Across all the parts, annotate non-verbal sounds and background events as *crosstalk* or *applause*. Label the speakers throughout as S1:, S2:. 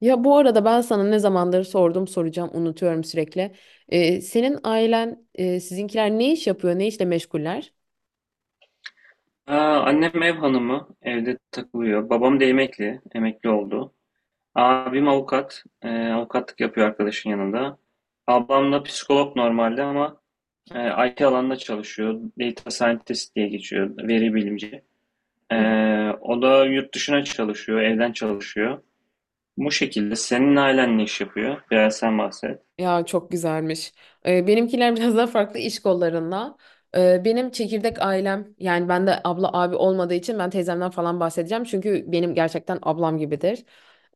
S1: Ya bu arada ben sana ne zamandır sordum soracağım unutuyorum sürekli. Senin ailen sizinkiler ne iş yapıyor, ne işle meşguller?
S2: Aa, annem ev hanımı, evde takılıyor. Babam da emekli oldu. Abim avukat, avukatlık yapıyor arkadaşın yanında. Ablam da psikolog normalde ama IT alanında çalışıyor. Data scientist diye geçiyor, veri bilimci. E,
S1: Hı.
S2: O da yurt dışına çalışıyor, evden çalışıyor. Bu şekilde senin ailen ne iş yapıyor? Biraz sen bahset.
S1: Ya çok güzelmiş. Benimkiler biraz daha farklı iş kollarında. Benim çekirdek ailem, yani ben de abla abi olmadığı için ben teyzemden falan bahsedeceğim. Çünkü benim gerçekten ablam gibidir.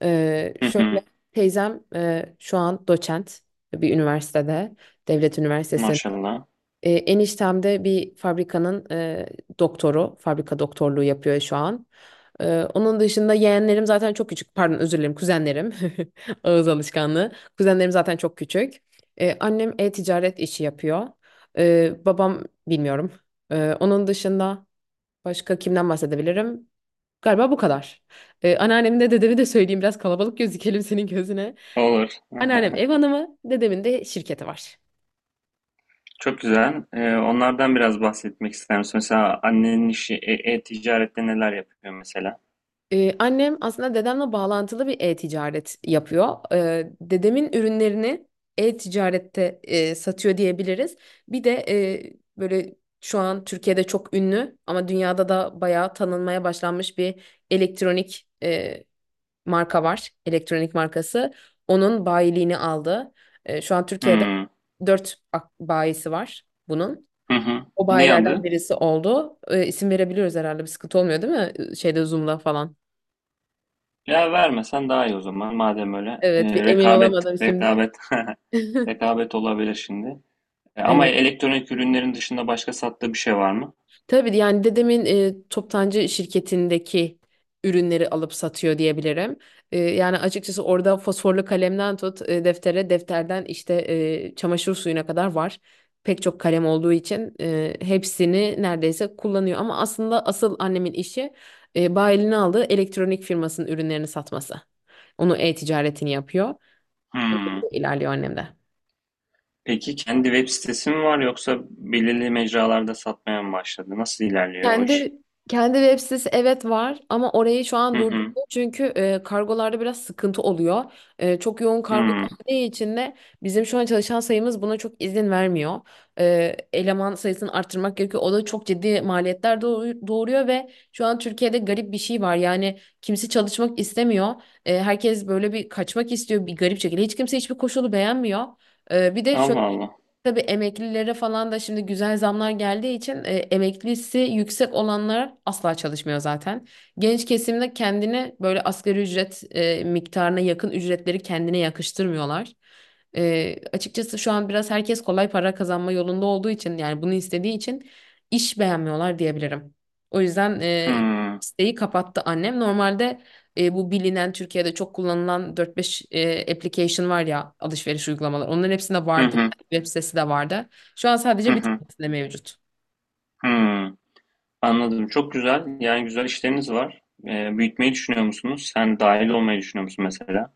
S1: Ee,
S2: Hı
S1: şöyle
S2: hı.
S1: teyzem şu an doçent bir üniversitede, devlet üniversitesinde.
S2: Maşallah.
S1: Eniştem de bir fabrikanın doktoru, fabrika doktorluğu yapıyor şu an. Onun dışında yeğenlerim zaten çok küçük, pardon özür dilerim, kuzenlerim, *laughs* ağız alışkanlığı. Kuzenlerim zaten çok küçük. Annem e-ticaret işi yapıyor. Babam bilmiyorum. Onun dışında başka kimden bahsedebilirim? Galiba bu kadar. Anneannemin de dedemi de söyleyeyim, biraz kalabalık gözükelim senin gözüne.
S2: Olur.
S1: Anneannem
S2: *laughs*
S1: ev hanımı, dedemin de şirketi var.
S2: Çok güzel. Onlardan biraz bahsetmek ister misin? Mesela annenin işi e-ticarette neler yapıyor mesela?
S1: Annem aslında dedemle bağlantılı bir e-ticaret yapıyor. Dedemin ürünlerini e-ticarette satıyor diyebiliriz. Bir de böyle şu an Türkiye'de çok ünlü ama dünyada da bayağı tanınmaya başlanmış bir elektronik marka var. Elektronik markası. Onun bayiliğini aldı. Şu an Türkiye'de
S2: Hmm.
S1: dört bayisi var bunun.
S2: Hı hı.
S1: O
S2: Ne
S1: bayilerden
S2: adı?
S1: birisi oldu. E, isim verebiliyoruz herhalde, bir sıkıntı olmuyor değil mi? Şeyde Zoom'da falan.
S2: Ya vermesen daha iyi o zaman. Madem öyle.
S1: Evet, bir emin
S2: Rekabet,
S1: olamadım şimdi.
S2: rekabet. *laughs*
S1: *laughs*
S2: Rekabet olabilir şimdi. Ama
S1: Evet.
S2: elektronik ürünlerin dışında başka sattığı bir şey var mı?
S1: Tabii, yani dedemin toptancı şirketindeki ürünleri alıp satıyor diyebilirim. Yani açıkçası orada fosforlu kalemden tut deftere, defterden işte çamaşır suyuna kadar var. Pek çok kalem olduğu için hepsini neredeyse kullanıyor. Ama aslında asıl annemin işi bayiline aldığı elektronik firmasının ürünlerini satması. Onu e-ticaretini yapıyor. O
S2: Hmm.
S1: şekilde ilerliyor annem de.
S2: Peki kendi web sitesi mi var yoksa belirli mecralarda satmaya mı başladı? Nasıl ilerliyor o iş?
S1: Kendi kendi web sitesi evet var ama orayı şu an
S2: Hı
S1: durdurdu,
S2: hı.
S1: çünkü kargolarda biraz sıkıntı oluyor. Çok yoğun kargo
S2: Hmm.
S1: geldiği için de bizim şu an çalışan sayımız buna çok izin vermiyor. Eleman sayısını arttırmak gerekiyor. O da çok ciddi maliyetler doğuruyor ve şu an Türkiye'de garip bir şey var. Yani kimse çalışmak istemiyor. Herkes böyle bir kaçmak istiyor bir garip şekilde. Hiç kimse hiçbir koşulu beğenmiyor. Bir de
S2: Allah
S1: şöyle.
S2: Allah.
S1: Tabii emeklilere falan da şimdi güzel zamlar geldiği için emeklisi yüksek olanlar asla çalışmıyor zaten. Genç kesimde kendini böyle asgari ücret miktarına yakın ücretleri kendine yakıştırmıyorlar. Açıkçası şu an biraz herkes kolay para kazanma yolunda olduğu için, yani bunu istediği için iş beğenmiyorlar diyebilirim. O yüzden
S2: Hmm.
S1: isteği kapattı annem. Normalde bu bilinen Türkiye'de çok kullanılan dört beş application var ya, alışveriş uygulamaları. Onların hepsinde
S2: Hı
S1: vardı,
S2: hı.
S1: web sitesi de vardı. Şu an
S2: Hı
S1: sadece bir
S2: hı.
S1: tanesinde mevcut.
S2: Hmm. Anladım. Çok güzel. Yani güzel işleriniz var. Büyütmeyi düşünüyor musunuz? Sen dahil olmayı düşünüyor musun mesela?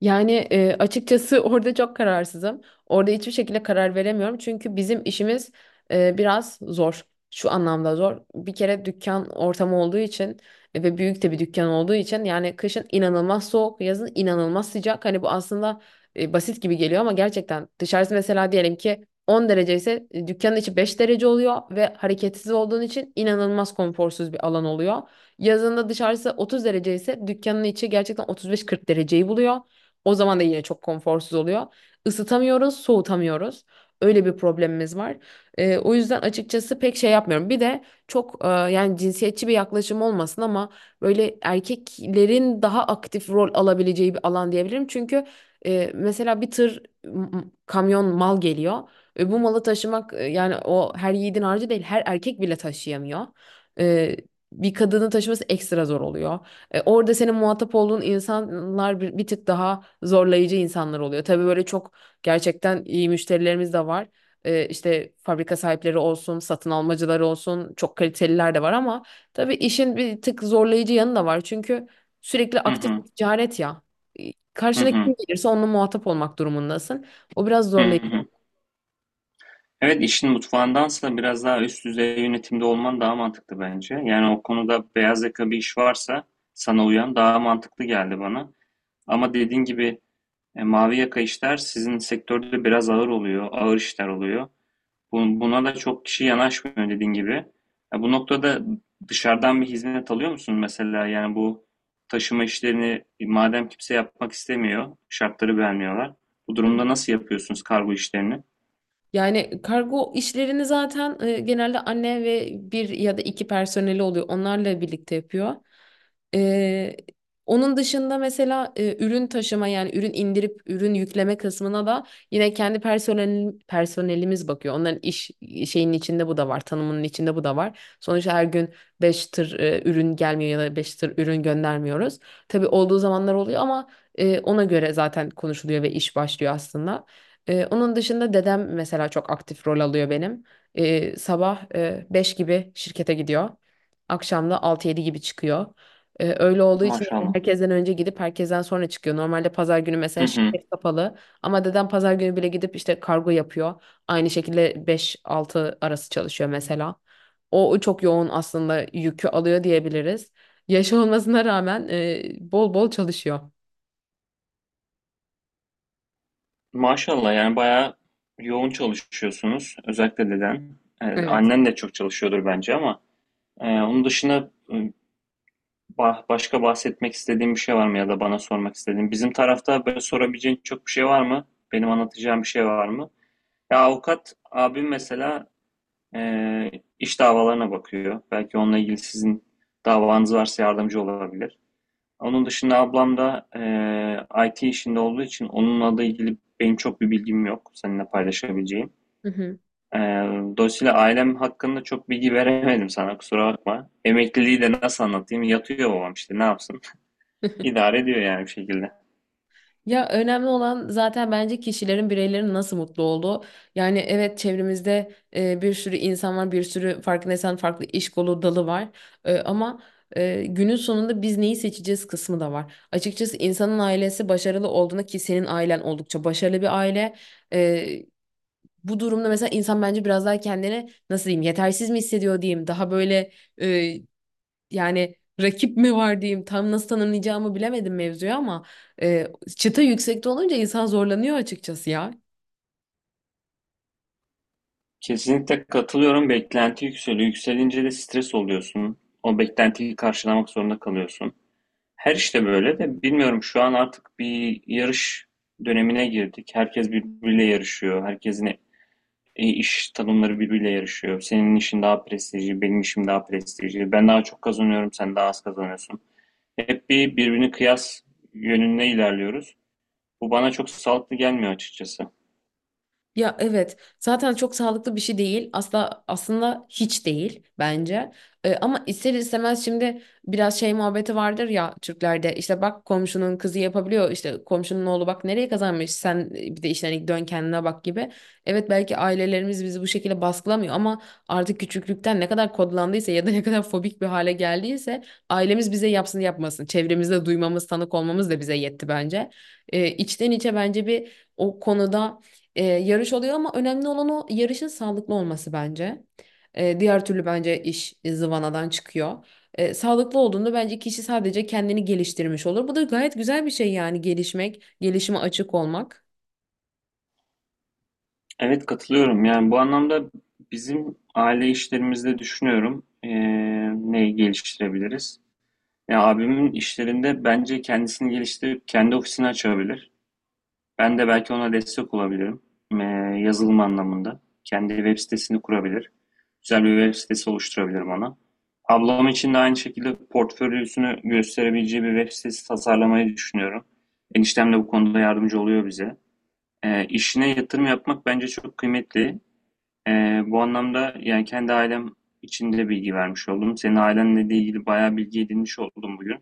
S1: Yani açıkçası *laughs* orada çok kararsızım. Orada hiçbir şekilde karar veremiyorum. Çünkü bizim işimiz biraz zor. Şu anlamda zor. Bir kere dükkan ortamı olduğu için ve büyük de bir dükkan olduğu için, yani kışın inanılmaz soğuk, yazın inanılmaz sıcak. Hani bu aslında basit gibi geliyor ama gerçekten dışarısı mesela diyelim ki 10 derece ise dükkanın içi 5 derece oluyor ve hareketsiz olduğun için inanılmaz konforsuz bir alan oluyor. Yazında dışarısı 30 derece ise dükkanın içi gerçekten 35-40 dereceyi buluyor. O zaman da yine çok konforsuz oluyor. Isıtamıyoruz, soğutamıyoruz. Öyle bir problemimiz var. O yüzden açıkçası pek şey yapmıyorum. Bir de çok yani cinsiyetçi bir yaklaşım olmasın ama böyle erkeklerin daha aktif rol alabileceği bir alan diyebilirim. Çünkü mesela bir tır kamyon mal geliyor. Bu malı taşımak yani o her yiğidin harcı değil, her erkek bile taşıyamıyor. E, bir kadının taşıması ekstra zor oluyor. Orada senin muhatap olduğun insanlar bir tık daha zorlayıcı insanlar oluyor. Tabii böyle çok gerçekten iyi müşterilerimiz de var. E, işte fabrika sahipleri olsun, satın almacıları olsun, çok kaliteliler de var ama tabii işin bir tık zorlayıcı yanı da var. Çünkü sürekli
S2: Hı
S1: aktif
S2: hı.
S1: bir ticaret ya. E,
S2: Hı
S1: Karşına
S2: hı.
S1: kim gelirse onunla muhatap olmak durumundasın. O biraz
S2: Hı
S1: zorlayıcı oluyor.
S2: hı. Evet, işin mutfağındansa biraz daha üst düzey yönetimde olman daha mantıklı bence. Yani o konuda beyaz yaka bir iş varsa sana uyan daha mantıklı geldi bana. Ama dediğin gibi mavi yaka işler sizin sektörde biraz ağır oluyor, ağır işler oluyor. Buna da çok kişi yanaşmıyor dediğin gibi. Ya bu noktada dışarıdan bir hizmet alıyor musun mesela? Yani bu taşıma işlerini madem kimse yapmak istemiyor, şartları beğenmiyorlar. Bu durumda nasıl yapıyorsunuz kargo işlerini?
S1: Yani kargo işlerini zaten genelde anne ve bir ya da iki personeli oluyor. Onlarla birlikte yapıyor. E, onun dışında mesela ürün taşıma, yani ürün indirip ürün yükleme kısmına da yine kendi personelimiz bakıyor. Onların iş şeyinin içinde bu da var, tanımının içinde bu da var. Sonuçta her gün 5 tır ürün gelmiyor ya da 5 tır ürün göndermiyoruz. Tabii olduğu zamanlar oluyor ama ona göre zaten konuşuluyor ve iş başlıyor aslında. Onun dışında dedem mesela çok aktif rol alıyor benim. Sabah 5 gibi şirkete gidiyor. Akşam da 6-7 gibi çıkıyor. Öyle olduğu için yani
S2: Maşallah.
S1: herkesten önce gidip herkesten sonra çıkıyor. Normalde pazar günü
S2: Hı
S1: mesela
S2: hı.
S1: şirket kapalı ama dedem pazar günü bile gidip işte kargo yapıyor. Aynı şekilde 5-6 arası çalışıyor mesela. O çok yoğun aslında yükü alıyor diyebiliriz. Yaşı *laughs* olmasına rağmen bol bol çalışıyor.
S2: Maşallah, yani bayağı yoğun çalışıyorsunuz. Özellikle deden.
S1: Evet.
S2: Annen de çok çalışıyordur bence, ama onun dışında başka bahsetmek istediğim bir şey var mı ya da bana sormak istediğin? Bizim tarafta böyle sorabileceğin çok bir şey var mı? Benim anlatacağım bir şey var mı? Ya avukat abim mesela e, iş davalarına bakıyor. Belki onunla ilgili sizin davanız varsa yardımcı olabilir. Onun dışında ablam da IT işinde olduğu için onunla da ilgili benim çok bir bilgim yok seninle paylaşabileceğim.
S1: Hı hı.
S2: E, Dolayısıyla ailem hakkında çok bilgi veremedim sana, kusura bakma. Emekliliği de nasıl anlatayım? Yatıyor babam, işte ne yapsın? İdare ediyor yani bir şekilde.
S1: Ya önemli olan zaten bence kişilerin, bireylerin nasıl mutlu olduğu. Yani evet, çevremizde bir sürü insan var, bir sürü, farkındaysan, farklı iş kolu dalı var. Ama günün sonunda biz neyi seçeceğiz kısmı da var. Açıkçası insanın ailesi başarılı olduğunda, ki senin ailen oldukça başarılı bir aile. e, bu durumda mesela insan bence biraz daha kendini nasıl diyeyim, yetersiz mi hissediyor diyeyim. Daha böyle, yani rakip mi var diyeyim, tam nasıl tanımlayacağımı bilemedim mevzuyu ama e, çıta yüksekte olunca insan zorlanıyor açıkçası ya.
S2: Kesinlikle katılıyorum. Beklenti yükseliyor. Yükselince de stres oluyorsun. O beklentiyi karşılamak zorunda kalıyorsun. Her işte böyle de bilmiyorum, şu an artık bir yarış dönemine girdik. Herkes birbiriyle yarışıyor. Herkesin iş tanımları birbiriyle yarışıyor. Senin işin daha prestijli, benim işim daha prestijli. Ben daha çok kazanıyorum, sen daha az kazanıyorsun. Hep bir birbirini kıyas yönünde ilerliyoruz. Bu bana çok sağlıklı gelmiyor açıkçası.
S1: Ya evet, zaten çok sağlıklı bir şey değil, asla, aslında hiç değil bence. Ama ister istemez şimdi biraz şey muhabbeti vardır ya Türklerde, işte bak komşunun kızı yapabiliyor, işte komşunun oğlu bak nereye kazanmış, sen bir de işte hani dön kendine bak gibi. Evet, belki ailelerimiz bizi bu şekilde baskılamıyor ama artık küçüklükten ne kadar kodlandıysa ya da ne kadar fobik bir hale geldiyse, ailemiz bize yapsın yapmasın, çevremizde duymamız, tanık olmamız da bize yetti bence. Ee, içten içe bence bir o konuda yarış oluyor ama önemli olan o yarışın sağlıklı olması bence. Diğer türlü bence iş zıvanadan çıkıyor. Sağlıklı olduğunda bence kişi sadece kendini geliştirmiş olur. Bu da gayet güzel bir şey, yani gelişmek, gelişime açık olmak.
S2: Evet, katılıyorum. Yani bu anlamda bizim aile işlerimizde düşünüyorum, neyi geliştirebiliriz. Ya abimin işlerinde bence kendisini geliştirip kendi ofisini açabilir. Ben de belki ona destek olabilirim. Eee, Yazılım anlamında. Kendi web sitesini kurabilir. Güzel bir web sitesi oluşturabilirim ona. Ablam için de aynı şekilde portfolyosunu gösterebileceği bir web sitesi tasarlamayı düşünüyorum. Eniştem de bu konuda yardımcı oluyor bize. İşine yatırım yapmak bence çok kıymetli. Bu anlamda yani kendi ailem içinde bilgi vermiş oldum. Senin ailenle de ilgili bayağı bilgi edinmiş oldum bugün.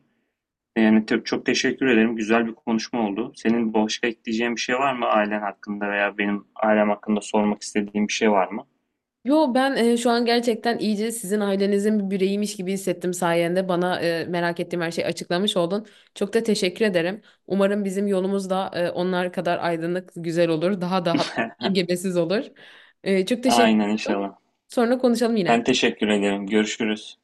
S2: Yani çok teşekkür ederim. Güzel bir konuşma oldu. Senin başka ekleyeceğin bir şey var mı ailen hakkında veya benim ailem hakkında sormak istediğin bir şey var mı?
S1: Yo, ben şu an gerçekten iyice sizin ailenizin bir bireyiymiş gibi hissettim sayende. Bana merak ettiğim her şeyi açıklamış oldun. Çok da teşekkür ederim. Umarım bizim yolumuz da onlar kadar aydınlık, güzel olur. Daha da hatta
S2: *laughs*
S1: engebesiz olur. Çok teşekkür
S2: Aynen,
S1: ederim.
S2: inşallah.
S1: Sonra konuşalım
S2: Ben
S1: yine.
S2: teşekkür ederim. Görüşürüz.